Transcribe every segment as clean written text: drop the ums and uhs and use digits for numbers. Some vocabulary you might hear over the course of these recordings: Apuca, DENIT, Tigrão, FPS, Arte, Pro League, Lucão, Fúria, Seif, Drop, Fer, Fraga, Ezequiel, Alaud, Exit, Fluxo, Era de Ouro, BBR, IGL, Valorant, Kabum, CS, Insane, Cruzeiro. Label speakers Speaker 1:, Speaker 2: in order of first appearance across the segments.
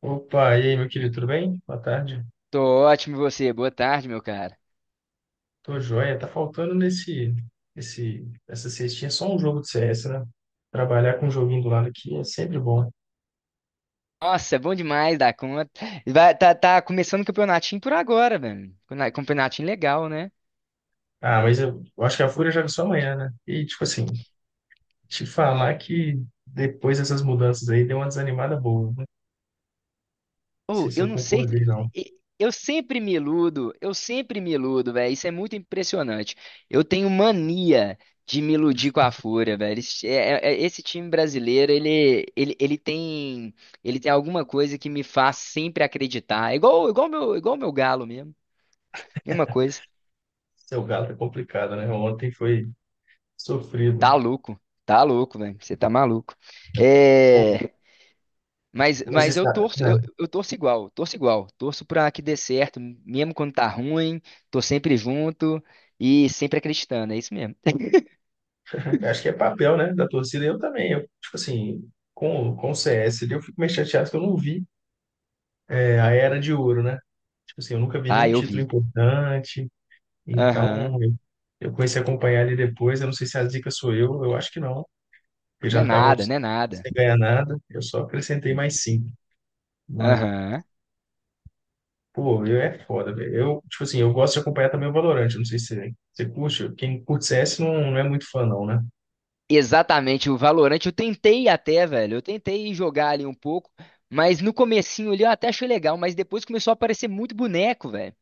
Speaker 1: Opa, e aí, meu querido, tudo bem? Boa tarde.
Speaker 2: Tô ótimo, e você? Boa tarde, meu cara.
Speaker 1: Tô joia. Tá faltando essa cestinha só um jogo de CS, né? Trabalhar com um joguinho do lado aqui é sempre bom.
Speaker 2: Nossa, é bom demais dar conta. Vai, tá começando o campeonatinho por agora, velho. Campeonatinho legal, né?
Speaker 1: Ah, mas eu acho que a Fúria joga só amanhã, né? E, tipo assim, te falar que depois dessas mudanças aí deu uma desanimada boa, né? Não sei
Speaker 2: Ou,
Speaker 1: se
Speaker 2: eu
Speaker 1: eu
Speaker 2: não sei.
Speaker 1: concordei, não.
Speaker 2: Eu sempre me iludo, eu sempre me iludo, velho. Isso é muito impressionante. Eu tenho mania de me iludir com a Fúria, velho. Esse time brasileiro, ele tem, ele tem alguma coisa que me faz sempre acreditar. É igual, igual meu galo mesmo. Mesma coisa.
Speaker 1: Seu galo é complicado, né? Ontem foi sofrido.
Speaker 2: Tá louco, velho. Você tá maluco.
Speaker 1: Bom,
Speaker 2: É, mas,
Speaker 1: mas
Speaker 2: mas
Speaker 1: isso,
Speaker 2: eu torço, eu torço igual, torço igual. Torço pra que dê certo, mesmo quando tá ruim, tô sempre junto e sempre acreditando, é isso mesmo.
Speaker 1: é, acho que é papel, né, da torcida. Eu também, eu, tipo assim, com o CS, ali, eu fico meio chateado que eu não vi a era de ouro, né? Tipo assim, eu nunca vi
Speaker 2: Ah,
Speaker 1: nenhum
Speaker 2: eu
Speaker 1: título
Speaker 2: vi.
Speaker 1: importante,
Speaker 2: Aham.
Speaker 1: então eu comecei a acompanhar ali depois. Eu não sei se a dica sou eu acho que não, porque
Speaker 2: Não é
Speaker 1: já tava
Speaker 2: nada, não é nada.
Speaker 1: sem ganhar nada, eu só acrescentei mais cinco. Mas,
Speaker 2: Aham.
Speaker 1: pô, eu é foda, velho. Eu, tipo assim, eu gosto de acompanhar também o Valorant, eu não sei se você curte, quem curte CS não, não é muito fã, não, né?
Speaker 2: Exatamente, o Valorant eu tentei até, velho. Eu tentei jogar ali um pouco, mas no comecinho ali eu até achei legal, mas depois começou a aparecer muito boneco, velho.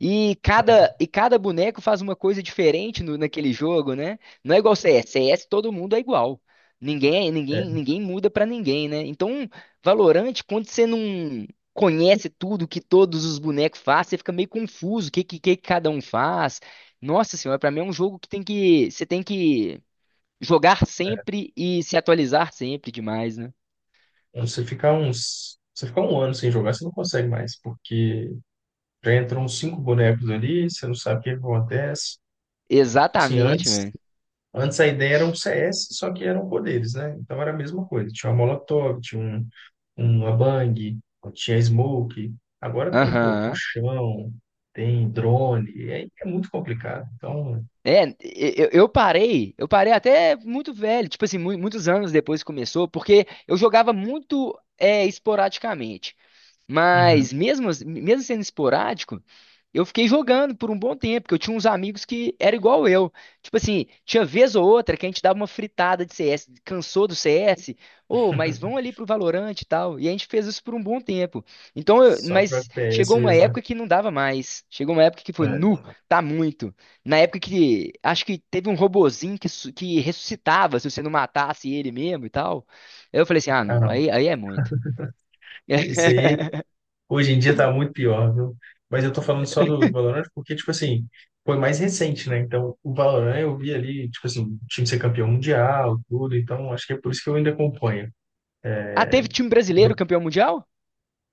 Speaker 2: E
Speaker 1: Ah, não.
Speaker 2: cada, e cada boneco faz uma coisa diferente naquele jogo, né? Não é igual CS. CS todo mundo é igual.
Speaker 1: É,
Speaker 2: Ninguém muda pra ninguém, né? Então, Valorant, quando você não conhece tudo que todos os bonecos fazem, você fica meio confuso, o que cada um faz. Nossa senhora, pra mim é um jogo você tem que jogar
Speaker 1: é,
Speaker 2: sempre e se atualizar sempre demais, né?
Speaker 1: você ficar uns. Você ficar um ano sem jogar, você não consegue mais, porque já entram uns cinco bonecos ali, você não sabe o que acontece. E, tipo assim,
Speaker 2: Exatamente,
Speaker 1: antes.
Speaker 2: velho.
Speaker 1: Antes a ideia era um CS, só que eram poderes, né? Então era a mesma coisa. Tinha uma Molotov, tinha um, uma Bang, tinha Smoke. Agora tem, pô,
Speaker 2: Aham.
Speaker 1: puxão, tem drone. É, é muito complicado. Então,
Speaker 2: É, eu parei até muito velho, tipo assim, muitos anos depois que começou, porque eu jogava muito esporadicamente.
Speaker 1: uhum.
Speaker 2: Mesmo sendo esporádico, eu fiquei jogando por um bom tempo, porque eu tinha uns amigos que era igual eu. Tipo assim, tinha vez ou outra que a gente dava uma fritada de CS, cansou do CS, ô, mas vão ali pro Valorant e tal. E a gente fez isso por um bom tempo. Então,
Speaker 1: Só pro
Speaker 2: mas
Speaker 1: FPS
Speaker 2: chegou uma
Speaker 1: mesmo, né?
Speaker 2: época que não dava mais. Chegou uma época que foi,
Speaker 1: É.
Speaker 2: tá muito. Na época que acho que teve um robozinho que ressuscitava se você não matasse ele mesmo e tal. Aí eu falei assim, ah,
Speaker 1: Ah,
Speaker 2: não,
Speaker 1: não.
Speaker 2: aí é muito.
Speaker 1: Isso aí, hoje em dia tá muito pior, viu? Mas eu tô falando só do, do Valorant porque, tipo assim, foi mais recente, né? Então, o Valorant eu vi ali, tipo assim, o time ser campeão mundial, tudo. Então, acho que é por isso que eu ainda acompanho.
Speaker 2: Ah, teve time brasileiro campeão mundial?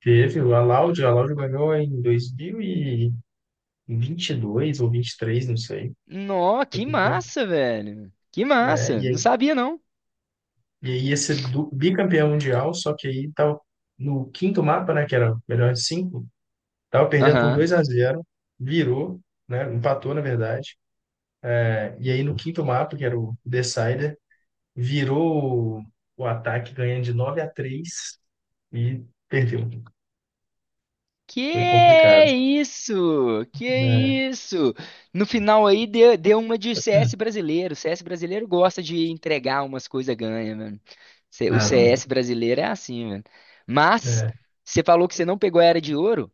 Speaker 1: Teve o Alaud ganhou em 2022 ou 23, não sei.
Speaker 2: Nó,
Speaker 1: Foi
Speaker 2: que
Speaker 1: campeão.
Speaker 2: massa, velho. Que
Speaker 1: É,
Speaker 2: massa.
Speaker 1: e,
Speaker 2: Não sabia, não.
Speaker 1: e aí ia ser bicampeão mundial, só que aí tava no quinto mapa, né, que era o melhor de cinco, tava perdendo por
Speaker 2: Aham.
Speaker 1: 2 a 0, virou, né, empatou na verdade. É, e aí no quinto mapa, que era o Decider, virou o ataque ganhando de 9 a 3 e perdeu. Foi
Speaker 2: Que
Speaker 1: complicado.
Speaker 2: isso? Que
Speaker 1: É.
Speaker 2: isso? No final aí deu, deu uma de CS brasileiro. CS brasileiro gosta de entregar umas coisas ganha, mano. O
Speaker 1: Ah, não.
Speaker 2: CS brasileiro é assim, mano. Mas
Speaker 1: É.
Speaker 2: você falou que você não pegou a Era de Ouro.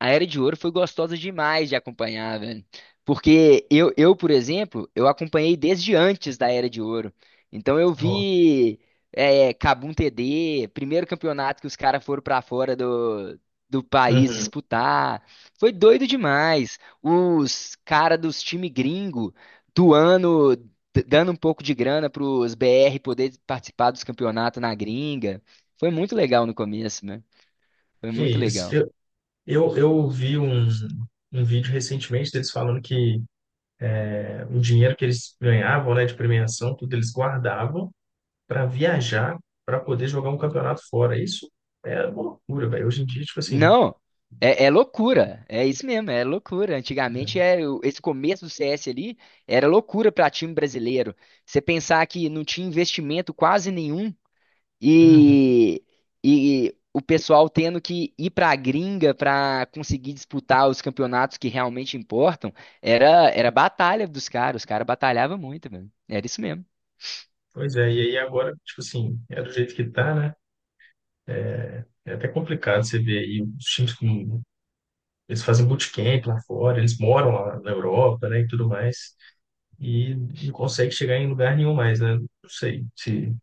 Speaker 2: A Era de Ouro foi gostosa demais de acompanhar, velho. Porque por exemplo, eu acompanhei desde antes da Era de Ouro. Então eu
Speaker 1: Ó.
Speaker 2: vi Kabum TD, primeiro campeonato que os caras foram pra fora do país
Speaker 1: Uhum.
Speaker 2: disputar. Foi doido demais. Os cara dos time gringo doando, dando um pouco de grana pros BR poder participar dos campeonatos na gringa. Foi muito legal no começo, né? Foi
Speaker 1: Que
Speaker 2: muito
Speaker 1: isso.
Speaker 2: legal.
Speaker 1: Eu vi um, um vídeo recentemente deles falando que é, o dinheiro que eles ganhavam, né, de premiação, tudo eles guardavam para viajar, para poder jogar um campeonato fora. Isso é uma loucura, velho. Hoje em dia, tipo assim,
Speaker 2: Não, é loucura. É isso mesmo, é loucura. Antigamente, esse começo do CS ali era loucura para time brasileiro. Você pensar que não tinha investimento quase nenhum
Speaker 1: uhum.
Speaker 2: e, e o pessoal tendo que ir para a gringa para conseguir disputar os campeonatos que realmente importam, era batalha dos caras, os caras batalhavam muito, velho. Era isso mesmo.
Speaker 1: Pois é, e aí agora, tipo assim, é do jeito que tá, né? É até complicado você ver aí os times com. Eles fazem bootcamp lá fora, eles moram lá na Europa, né, e tudo mais, e não consegue chegar em lugar nenhum mais, né? Não sei se,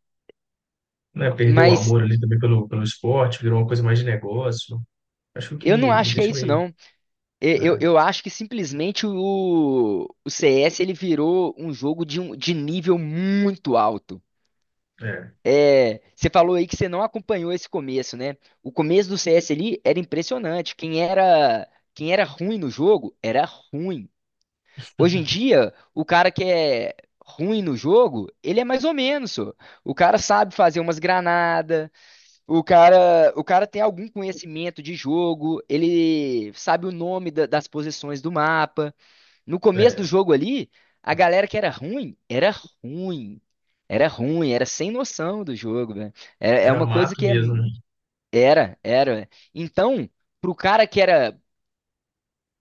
Speaker 1: né, perdeu o
Speaker 2: Mas
Speaker 1: amor ali também pelo, pelo esporte, virou uma coisa mais de negócio. Acho que o que
Speaker 2: eu não
Speaker 1: me
Speaker 2: acho que é
Speaker 1: deixa
Speaker 2: isso,
Speaker 1: meio.
Speaker 2: não. Eu, eu,
Speaker 1: Né,
Speaker 2: eu acho que simplesmente o CS ele virou um jogo de nível muito alto.
Speaker 1: é,
Speaker 2: É, você falou aí que você não acompanhou esse começo, né? O começo do CS ali era impressionante. Quem era ruim no jogo era ruim. Hoje em dia, o cara que é ruim no jogo, ele é mais ou menos, só. O cara sabe fazer umas granadas, o cara tem algum conhecimento de jogo, ele sabe o nome das posições do mapa. No começo
Speaker 1: é,
Speaker 2: do jogo ali, a galera que era ruim, era ruim. Era ruim, era sem noção do jogo, velho. É, é
Speaker 1: era
Speaker 2: uma coisa
Speaker 1: mato
Speaker 2: que é,
Speaker 1: mesmo, né?
Speaker 2: era, né? Então, pro cara que era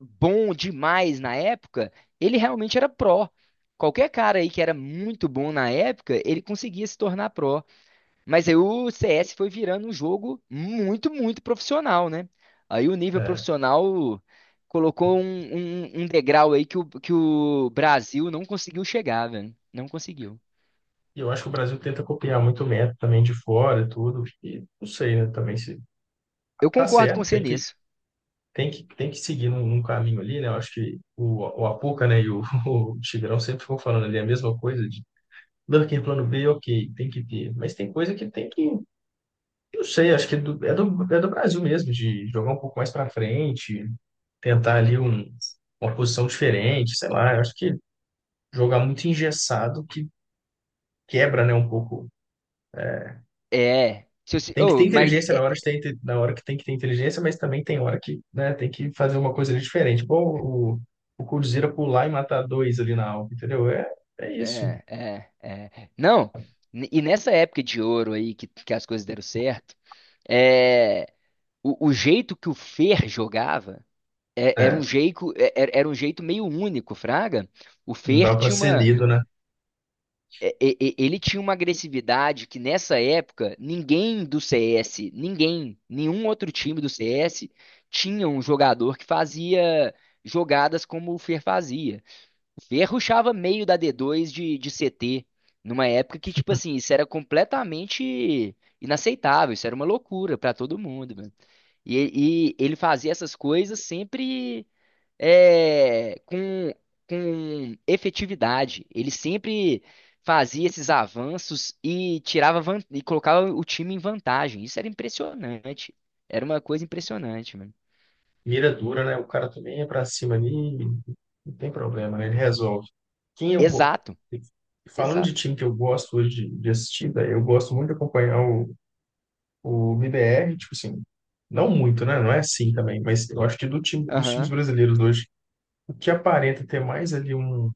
Speaker 2: bom demais na época, ele realmente era pró. Qualquer cara aí que era muito bom na época, ele conseguia se tornar pró. Mas aí o CS foi virando um jogo muito, muito profissional, né? Aí o nível
Speaker 1: É.
Speaker 2: profissional colocou um degrau aí que o Brasil não conseguiu chegar, velho. Não conseguiu.
Speaker 1: E eu acho que o Brasil tenta copiar muito o método também de fora e tudo. E não sei, né? Também se
Speaker 2: Eu
Speaker 1: tá
Speaker 2: concordo com
Speaker 1: certo,
Speaker 2: você nisso.
Speaker 1: tem que seguir num, num caminho ali, né? Eu acho que o Apuca, né, e o, o Tigrão sempre ficam falando ali a mesma coisa de não, que plano B, ok, tem que ter. Mas tem coisa que tem que. Eu não sei, acho que é é do Brasil mesmo, de jogar um pouco mais para frente, tentar ali um, uma posição diferente, sei lá. Eu acho que jogar muito engessado que quebra, né, um pouco.
Speaker 2: É. Se eu, se-
Speaker 1: Tem que ter
Speaker 2: ô, mas
Speaker 1: inteligência na
Speaker 2: é,
Speaker 1: hora de ter, na hora que tem que ter inteligência, mas também tem hora que, né, tem que fazer uma coisa ali diferente. Pô, o Cruzeiro pular e matar dois ali na alta, entendeu? É, é isso.
Speaker 2: Não, e nessa época de ouro aí que as coisas deram certo, é, o jeito que o Fer jogava era um
Speaker 1: É,
Speaker 2: jeito, era um jeito meio único, Fraga. O
Speaker 1: não dá
Speaker 2: Fer
Speaker 1: para
Speaker 2: tinha
Speaker 1: ser
Speaker 2: uma,
Speaker 1: lido, né?
Speaker 2: ele tinha uma agressividade que nessa época ninguém do CS, ninguém, nenhum outro time do CS tinha um jogador que fazia jogadas como o Fer fazia. Ele rushava meio da D2 de CT, numa época que, tipo assim, isso era completamente inaceitável, isso era uma loucura pra todo mundo, mano. E ele fazia essas coisas sempre é, com, com efetividade. Ele sempre fazia esses avanços e tirava e colocava o time em vantagem. Isso era impressionante. Era uma coisa impressionante, mano.
Speaker 1: Mira dura, né? O cara também é para cima ali, não tem problema, né? Ele resolve. Quem eu go-
Speaker 2: Exato,
Speaker 1: Falando de
Speaker 2: exato.
Speaker 1: time que eu gosto hoje de assistir, daí eu gosto muito de acompanhar o BBR, tipo assim, não muito, né? Não é assim também, mas eu acho que do time, dos times
Speaker 2: Aham,
Speaker 1: brasileiros hoje, o que aparenta ter mais ali um,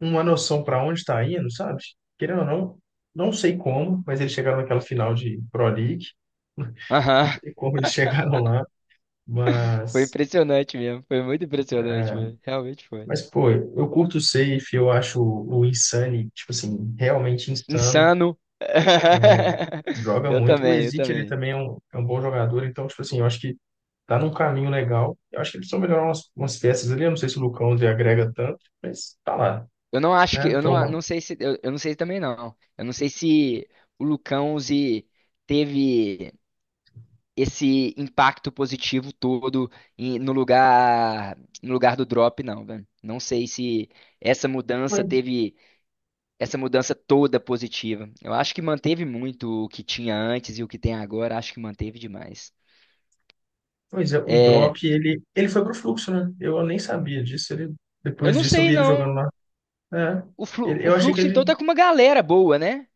Speaker 1: uma noção para onde está indo, sabe? Querendo ou não, não sei como, mas eles chegaram naquela final de Pro League, não
Speaker 2: aham.
Speaker 1: sei como eles chegaram lá,
Speaker 2: Foi
Speaker 1: mas,
Speaker 2: impressionante mesmo. Foi muito impressionante, velho. Realmente foi.
Speaker 1: mas pô, eu curto o Seif, eu acho o Insane, tipo assim, realmente insano,
Speaker 2: Insano.
Speaker 1: né? Joga
Speaker 2: Eu
Speaker 1: muito. O
Speaker 2: também, eu
Speaker 1: Ezequiel, ele
Speaker 2: também.
Speaker 1: também é um bom jogador, então, tipo assim, eu acho que tá num caminho legal. Eu acho que eles precisam melhorar umas, umas peças ali. Eu não sei se o Lucão ele agrega tanto, mas tá lá,
Speaker 2: Eu não acho que.
Speaker 1: né?
Speaker 2: Eu não,
Speaker 1: Toma.
Speaker 2: não sei se. Eu não sei também, não. Eu não sei se o Lucão se teve esse impacto positivo todo no lugar, no lugar do drop, não, velho. Não sei se essa mudança
Speaker 1: Pois,
Speaker 2: teve essa mudança toda positiva. Eu acho que manteve muito o que tinha antes e o que tem agora. Acho que manteve demais.
Speaker 1: pois é, o Drop,
Speaker 2: É,
Speaker 1: ele foi pro fluxo, né? Eu nem sabia disso. Ele,
Speaker 2: Eu
Speaker 1: depois
Speaker 2: não
Speaker 1: disso eu
Speaker 2: sei,
Speaker 1: vi ele jogando
Speaker 2: não.
Speaker 1: lá. É,
Speaker 2: O
Speaker 1: eu achei que
Speaker 2: Fluxo, então,
Speaker 1: ele.
Speaker 2: tá com uma galera boa, né?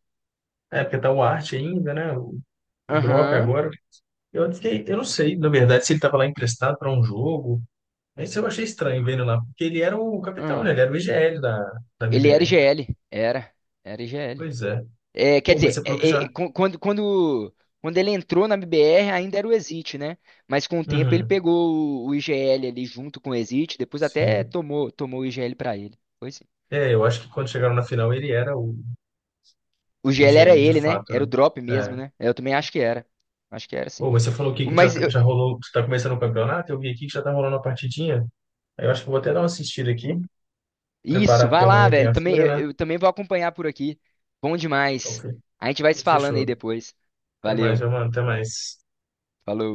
Speaker 1: É, porque tá o Arte ainda, né? O Drop
Speaker 2: Aham.
Speaker 1: agora. Eu fiquei, eu não sei, na verdade, se ele tava lá emprestado para um jogo. Mas eu achei estranho vendo lá, porque ele era o capitão, né?
Speaker 2: Aham.
Speaker 1: Ele era o IGL da, da
Speaker 2: Ele era
Speaker 1: BBR. Então,
Speaker 2: IGL. Era. Era IGL.
Speaker 1: pois é.
Speaker 2: É, quer
Speaker 1: Pô, mas
Speaker 2: dizer,
Speaker 1: você falou que já.
Speaker 2: quando ele entrou na BBR, ainda era o Exit, né? Mas com o tempo ele
Speaker 1: Uhum,
Speaker 2: pegou o IGL ali junto com o Exit, depois até
Speaker 1: sim.
Speaker 2: tomou, tomou o IGL pra ele. Foi sim.
Speaker 1: É, eu acho que quando chegaram na final ele era
Speaker 2: O
Speaker 1: o
Speaker 2: IGL era
Speaker 1: IGL de
Speaker 2: ele, né?
Speaker 1: fato, né?
Speaker 2: Era o drop mesmo,
Speaker 1: É.
Speaker 2: né? Eu também acho que era. Acho que era,
Speaker 1: Ô,
Speaker 2: sim.
Speaker 1: mas você falou aqui que já,
Speaker 2: Mas
Speaker 1: já rolou, que tá começando o campeonato, eu vi aqui que já tá rolando uma partidinha. Aí eu acho que eu vou até dar uma assistida aqui, preparar
Speaker 2: Isso,
Speaker 1: porque
Speaker 2: vai lá,
Speaker 1: amanhã tem
Speaker 2: velho.
Speaker 1: a
Speaker 2: Também,
Speaker 1: Fúria,
Speaker 2: eu,
Speaker 1: né?
Speaker 2: eu também vou acompanhar por aqui. Bom
Speaker 1: Então,
Speaker 2: demais.
Speaker 1: fe-
Speaker 2: A gente vai se
Speaker 1: então
Speaker 2: falando aí
Speaker 1: fechou.
Speaker 2: depois.
Speaker 1: Até mais,
Speaker 2: Valeu,
Speaker 1: meu mano, até mais.
Speaker 2: falou.